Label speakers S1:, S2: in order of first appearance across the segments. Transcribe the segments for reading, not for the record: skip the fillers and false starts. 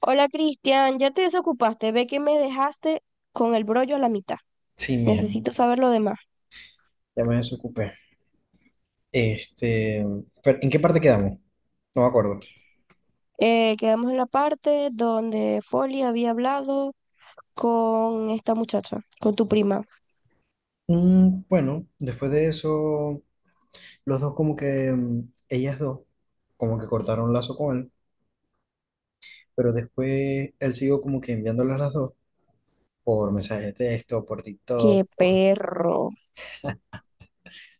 S1: Hola Cristian, ya te desocupaste, ve que me dejaste con el brollo a la mitad.
S2: Sí, mija,
S1: Necesito saber lo demás.
S2: ya me desocupé. Este, pero ¿en qué parte quedamos? No me acuerdo.
S1: Quedamos en la parte donde Folly había hablado con esta muchacha, con tu prima.
S2: Bueno, después de eso, los dos como que, ellas dos, como que cortaron lazo con él, pero después él siguió como que enviándolas las dos por mensaje de texto, por TikTok,
S1: ¡Qué
S2: por...
S1: perro!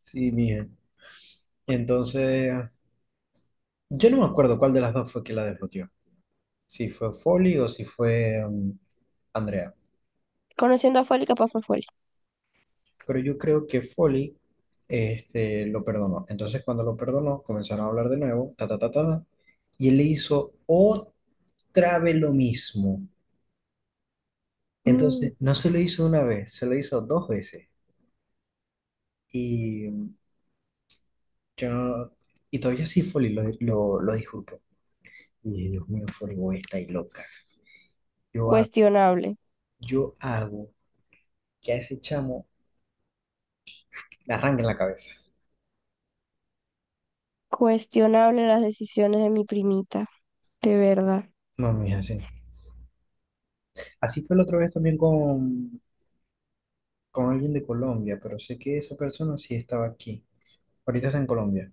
S2: Sí, mija. Entonces, yo no me acuerdo cuál de las dos fue que la desbloqueó. Si fue Folly o si fue Andrea.
S1: Conociendo a Folly, capaz fue Folly.
S2: Pero yo creo que Foley este, lo perdonó. Entonces, cuando lo perdonó, comenzaron a hablar de nuevo, ta, ta, ta, ta, ta, y él le hizo otra vez lo mismo.
S1: Mm,
S2: Entonces, no se lo hizo una vez, se lo hizo 2 veces. Y yo no- y todavía sí Foley lo disculpo. Y dije, Dios mío, Foley, vos estáis loca. Yo hago,
S1: cuestionable,
S2: yo hago que a ese chamo le arranquen la cabeza.
S1: cuestionable las decisiones de mi primita, de verdad.
S2: No, mija, sí. Así fue la otra vez también con alguien de Colombia, pero sé que esa persona sí estaba aquí. Ahorita está en Colombia.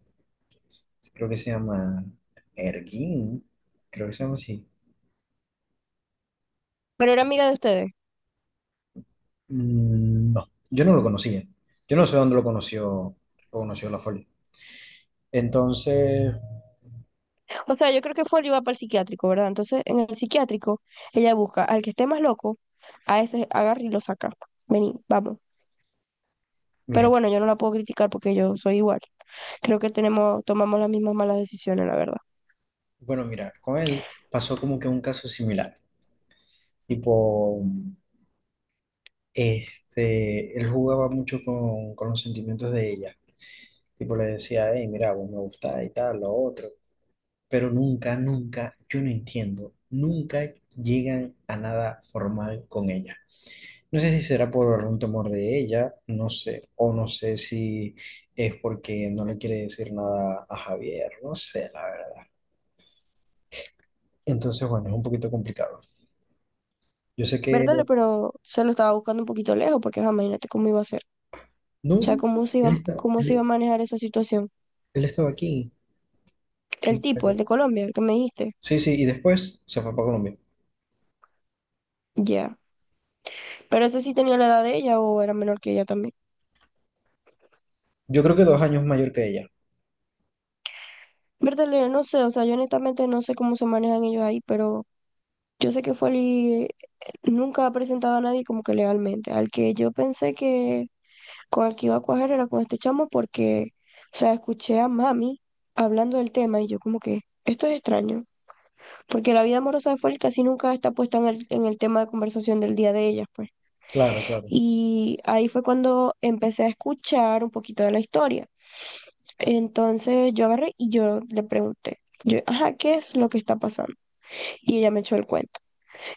S2: Sí, creo que se llama Erguín. Creo que se llama así.
S1: Pero era amiga de ustedes.
S2: Mm, no, yo no lo conocía. Yo no sé dónde lo conoció La Folia. Entonces,
S1: O sea, yo creo que fue él iba para el psiquiátrico, ¿verdad? Entonces, en el psiquiátrico, ella busca al que esté más loco, a ese agarra y lo saca. Vení, vamos. Pero
S2: mija,
S1: bueno, yo no la puedo criticar porque yo soy igual. Creo que tenemos, tomamos las mismas malas decisiones, la verdad.
S2: bueno, mira, con él pasó como que un caso similar. Tipo, este, él jugaba mucho con los sentimientos de ella. Tipo, le decía, hey, mira, vos me gusta y tal, lo otro. Pero nunca, nunca, yo no entiendo, nunca llegan a nada formal con ella. No sé si será por un temor de ella, no sé, o no sé si es porque no le quiere decir nada a Javier, no sé, la verdad. Entonces, bueno, es un poquito complicado. Yo sé que,
S1: Verdad, pero se lo estaba buscando un poquito lejos porque ajá, imagínate cómo iba a ser.
S2: no,
S1: O sea,
S2: no, él está,
S1: cómo se iba a
S2: él,
S1: manejar esa situación.
S2: él estaba aquí,
S1: El tipo, el
S2: pero-
S1: de Colombia, el que me dijiste.
S2: sí, sí, y después se fue para Colombia.
S1: Ya. Pero ese sí tenía la edad de ella o era menor que ella también.
S2: Yo creo que 2 años mayor que ella.
S1: Bertale, no sé, o sea, yo honestamente no sé cómo se manejan ellos ahí, pero yo sé que Foley nunca ha presentado a nadie como que legalmente. Al que yo pensé que con el que iba a cuajar era con este chamo porque, o sea, escuché a mami hablando del tema y yo como que, esto es extraño, porque la vida amorosa de Foley casi nunca está puesta en en el tema de conversación del día de ellas, pues.
S2: Claro, claro.
S1: Y ahí fue cuando empecé a escuchar un poquito de la historia. Entonces yo agarré y yo le pregunté, yo, ajá, ¿qué es lo que está pasando? Y ella me echó el cuento.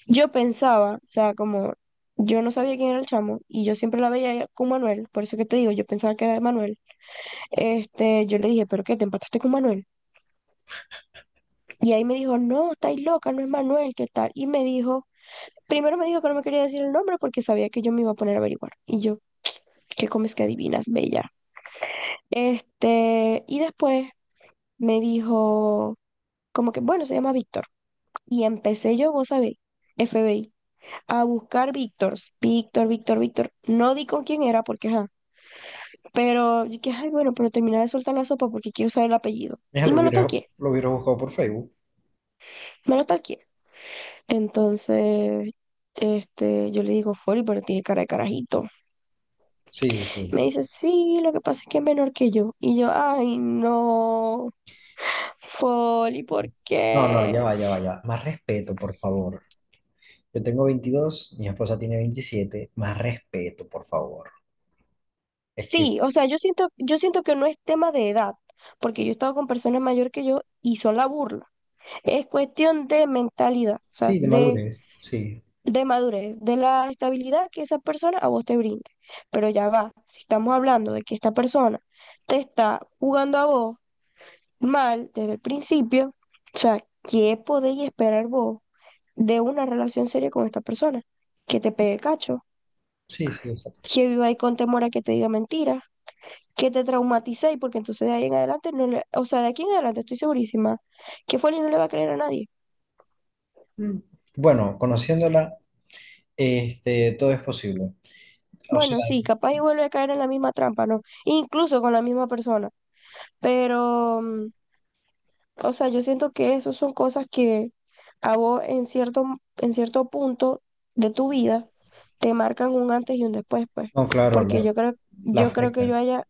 S1: Yo pensaba, o sea, como yo no sabía quién era el chamo y yo siempre la veía con Manuel, por eso que te digo, yo pensaba que era de Manuel. Este, yo le dije, ¿pero qué? ¿Te empataste con Manuel? Y ahí me dijo, no, estáis loca, no es Manuel, ¿qué tal? Y me dijo, primero me dijo que no me quería decir el nombre porque sabía que yo me iba a poner a averiguar. Y yo, ¿qué comes que adivinas, bella? Este, y después me dijo, como que, bueno, se llama Víctor. Y empecé yo, vos sabéis, FBI, a buscar Víctor, Víctor, Víctor, Víctor. No di con quién era porque, ajá. Pero yo dije, ay, bueno, pero terminé de soltar la sopa porque quiero saber el apellido.
S2: Ella
S1: Y me lo talqué,
S2: lo hubiera buscado por Facebook.
S1: me lo talqué. Entonces, este, yo le digo, Fori, pero tiene cara de carajito.
S2: Sí, sí,
S1: Me
S2: sí.
S1: dice, sí, lo que pasa es que es menor que yo. Y yo, ay, no, Foli, ¿por
S2: No, no,
S1: qué?
S2: ya va, ya va, ya va. Más respeto, por favor. Yo tengo 22, mi esposa tiene 27. Más respeto, por favor. Es que
S1: Sí, o sea, yo siento que no es tema de edad, porque yo he estado con personas mayor que yo y son la burla. Es cuestión de mentalidad, o sea,
S2: sí, de madurez, sí,
S1: de madurez, de la estabilidad que esa persona a vos te brinde. Pero ya va, si estamos hablando de que esta persona te está jugando a vos mal desde el principio, o sea, ¿qué podéis esperar vos de una relación seria con esta persona? Que te pegue cacho,
S2: sí, sí, exacto.
S1: que viva ahí con temor a que te diga mentiras que te traumaticéis, porque entonces de ahí en adelante, no le, o sea, de aquí en adelante estoy segurísima que Foley no le va a creer a nadie.
S2: Mm. Bueno, conociéndola, este, todo es posible. O sea,
S1: Bueno, sí, capaz y vuelve a caer en la misma trampa, ¿no? Incluso con la misma persona. Pero, o sea, yo siento que eso son cosas que a vos en cierto punto de tu vida te marcan un antes y un después, pues.
S2: no, claro,
S1: Porque
S2: la, la
S1: yo creo que yo
S2: afectan.
S1: haya,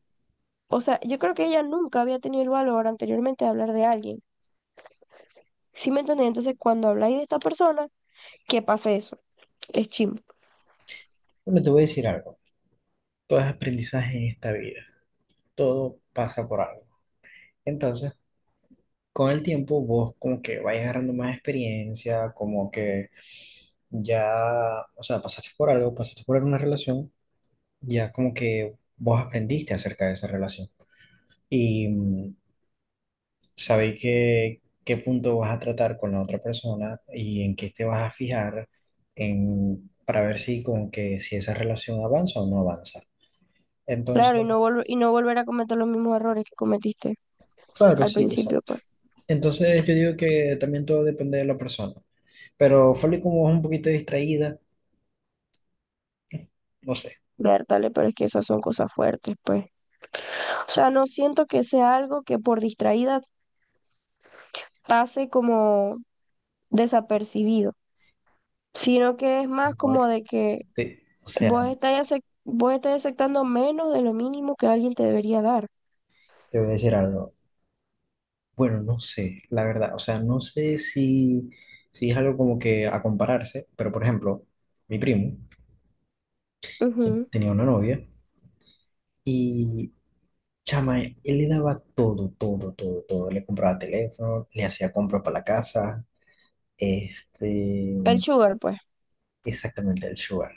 S1: o sea, yo creo que ella nunca había tenido el valor anteriormente de hablar de alguien. ¿Sí me entendés? Entonces, cuando habláis de esta persona, ¿qué pasa eso? Es chimbo.
S2: Bueno, te voy a decir algo. Todo es aprendizaje en esta vida. Todo pasa por algo. Entonces, con el tiempo, vos como que vas agarrando más experiencia, como que ya, o sea, pasaste por algo, pasaste por una relación, ya como que vos aprendiste acerca de esa relación. Y sabéis qué, qué punto vas a tratar con la otra persona y en qué te vas a fijar en, para ver si con que si esa relación avanza o no avanza.
S1: Claro,
S2: Entonces,
S1: y no volver a cometer los mismos errores que cometiste
S2: claro,
S1: al
S2: sí,
S1: principio,
S2: exacto.
S1: pues.
S2: Entonces yo digo que también todo depende de la persona. Pero Folly como es un poquito distraída, no sé,
S1: Vértale, pero es que esas son cosas fuertes, pues. O sea, no siento que sea algo que por distraída pase como desapercibido, sino que es más
S2: no
S1: como de que
S2: te- o sea,
S1: vos estás, acep- vos estás aceptando menos de lo mínimo que alguien te debería dar.
S2: te voy a decir algo. Bueno, no sé, la verdad, o sea, no sé si es algo como que a compararse, pero por ejemplo, mi primo
S1: Ujú.
S2: tenía una novia y chama, él le daba todo, todo, todo, todo. Le compraba teléfono, le hacía compra para la casa, este,
S1: El sugar, pues,
S2: exactamente el sugar.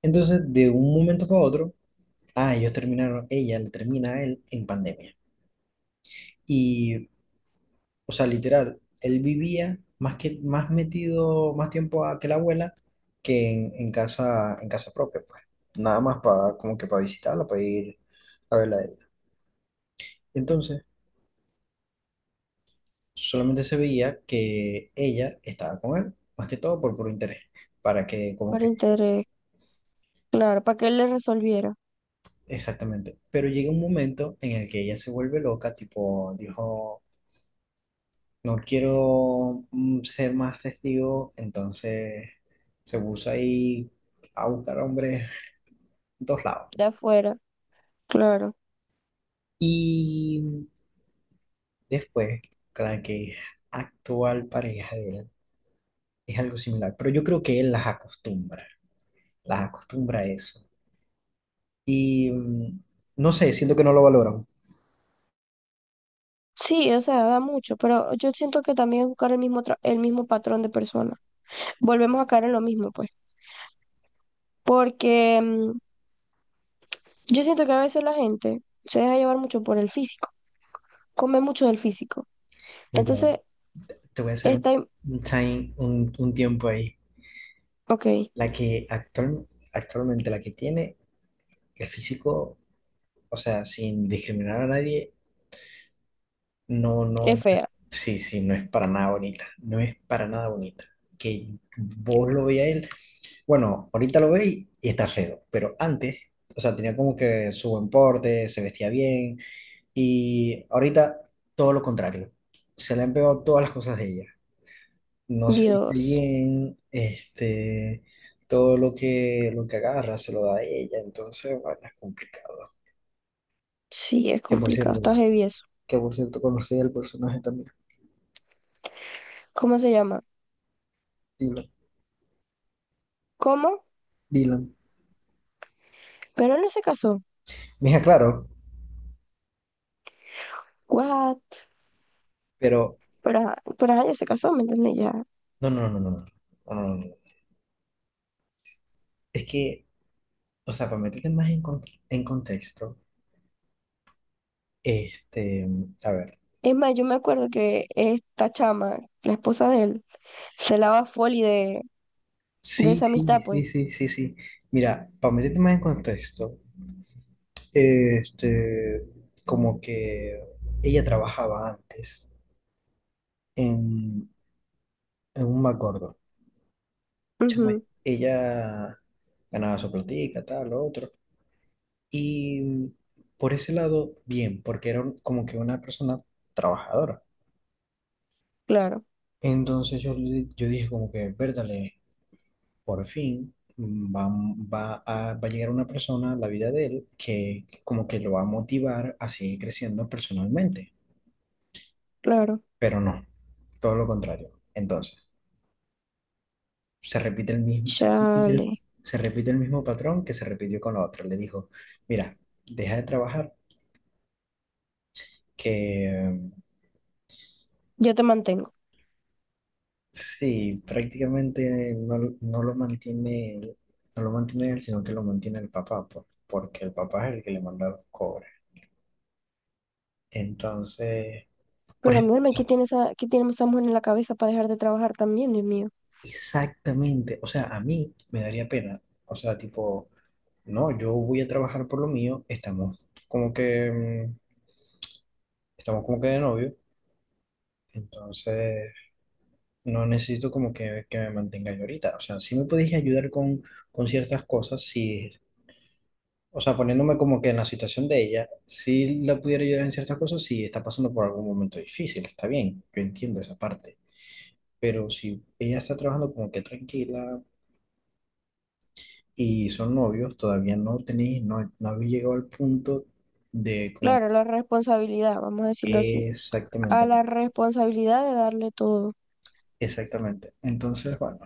S2: Entonces, de un momento para otro, ah, ellos terminaron, ella le termina a él en pandemia. Y, o sea, literal, él vivía más que, más metido, más tiempo a que la abuela que en casa, en casa propia, pues. Nada más para, como que para visitarla, para ir a verla a ella. Entonces, solamente se veía que ella estaba con él, más que todo por puro interés, para que como
S1: por
S2: que,
S1: interés, claro, para que él le resolviera
S2: exactamente. Pero llega un momento en el que ella se vuelve loca, tipo, dijo, no quiero ser más testigo, entonces se puso ahí a buscar hombres en todos lados.
S1: de afuera, claro.
S2: Y después, con la que actual pareja de él, es algo similar, pero yo creo que él las acostumbra a eso. Y no sé, siento que no lo valoran.
S1: Sí, o sea, da mucho, pero yo siento que también es buscar el mismo, tra- el mismo patrón de persona. Volvemos a caer en lo mismo, pues. Porque yo siento que a veces la gente se deja llevar mucho por el físico, come mucho del físico.
S2: Pero ya va,
S1: Entonces,
S2: te voy a hacer
S1: está, im-
S2: un tiempo ahí.
S1: ok,
S2: La que actualmente, la que tiene el físico, o sea, sin discriminar a nadie, no,
S1: es
S2: no,
S1: fea.
S2: sí, sí, no es para nada bonita. No es para nada bonita. Que vos lo veas a él, bueno, ahorita lo veis y está feo, pero antes, o sea, tenía como que su buen porte, se vestía bien, y ahorita todo lo contrario. Se le han pegado todas las cosas de ella. No se viste
S1: Dios,
S2: bien, este, todo lo que agarra se lo da a ella, entonces, bueno, es complicado.
S1: sí, es
S2: Que por
S1: complicado,
S2: cierto,
S1: está heavy eso.
S2: que por cierto conocí el personaje también,
S1: ¿Cómo se llama?
S2: Dylan.
S1: ¿Cómo?
S2: Dylan.
S1: Pero él no se casó.
S2: Mija, claro,
S1: What?
S2: pero
S1: Pero, ajá- pero ella se casó, ¿me entiendes? ¿Ya?
S2: no, no, no, no, no, no, no, no, no, no, es que, o sea, para meterte más en contexto, este, a ver,
S1: Es más, yo me acuerdo que esta chama, la esposa de él, se lava foli de
S2: sí,
S1: esa
S2: sí,
S1: amistad,
S2: sí,
S1: pues.
S2: sí, sí, sí. Mira, para meterte más en contexto, este, como que ella trabajaba antes en, en un Macordo. Chama,
S1: Ujú,
S2: ella ganaba su platica, tal, lo otro. Y por ese lado, bien, porque era como que una persona trabajadora.
S1: claro,
S2: Entonces yo dije como que, verdale, por fin va a llegar una persona a la vida de él que como que lo va a motivar a seguir creciendo personalmente.
S1: claro.
S2: Pero no, todo lo contrario. Entonces... se repite el mismo, se repite el,
S1: Chale.
S2: se repite el mismo patrón que se repitió con la otra. Le dijo, mira, deja de trabajar, que
S1: Yo te mantengo.
S2: sí, prácticamente no, no lo mantiene, no lo mantiene él, sino que lo mantiene el papá, porque el papá es el que le manda los cobres. Entonces, por
S1: Pero mírame,
S2: ejemplo,
S1: qué tiene esa mujer en la cabeza para dejar de trabajar también, Dios mío?
S2: exactamente, o sea, a mí me daría pena, o sea, tipo, no, yo voy a trabajar por lo mío, estamos como que de novio, entonces no necesito como que me mantenga yo ahorita. O sea, sí me podéis ayudar con ciertas cosas, si, o sea, poniéndome como que en la situación de ella, si la pudiera ayudar en ciertas cosas, si está pasando por algún momento difícil, está bien, yo entiendo esa parte. Pero si ella está trabajando como que tranquila y son novios, todavía no tenéis, no, no habéis llegado al punto de como
S1: Claro, la responsabilidad, vamos a decirlo así. A
S2: Exactamente,
S1: la responsabilidad de darle todo.
S2: exactamente. Entonces, bueno,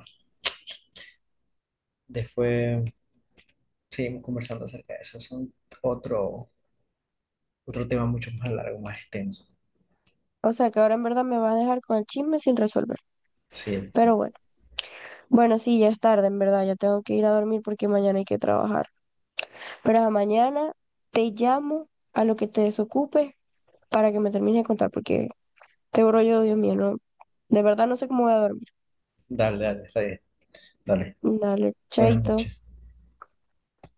S2: después seguimos conversando acerca de eso. Es otro otro tema mucho más largo, más extenso.
S1: O sea que ahora en verdad me va a dejar con el chisme sin resolver.
S2: Sí, sí.
S1: Pero bueno, bueno, sí, ya es tarde, en verdad. Ya tengo que ir a dormir porque mañana hay que trabajar. Para mañana te llamo a lo que te desocupe para que me termines de contar, porque te brollo, Dios mío, no, de verdad no sé cómo voy a dormir.
S2: Dale, dale, está bien. Dale.
S1: Dale,
S2: Buenas
S1: chaito.
S2: noches.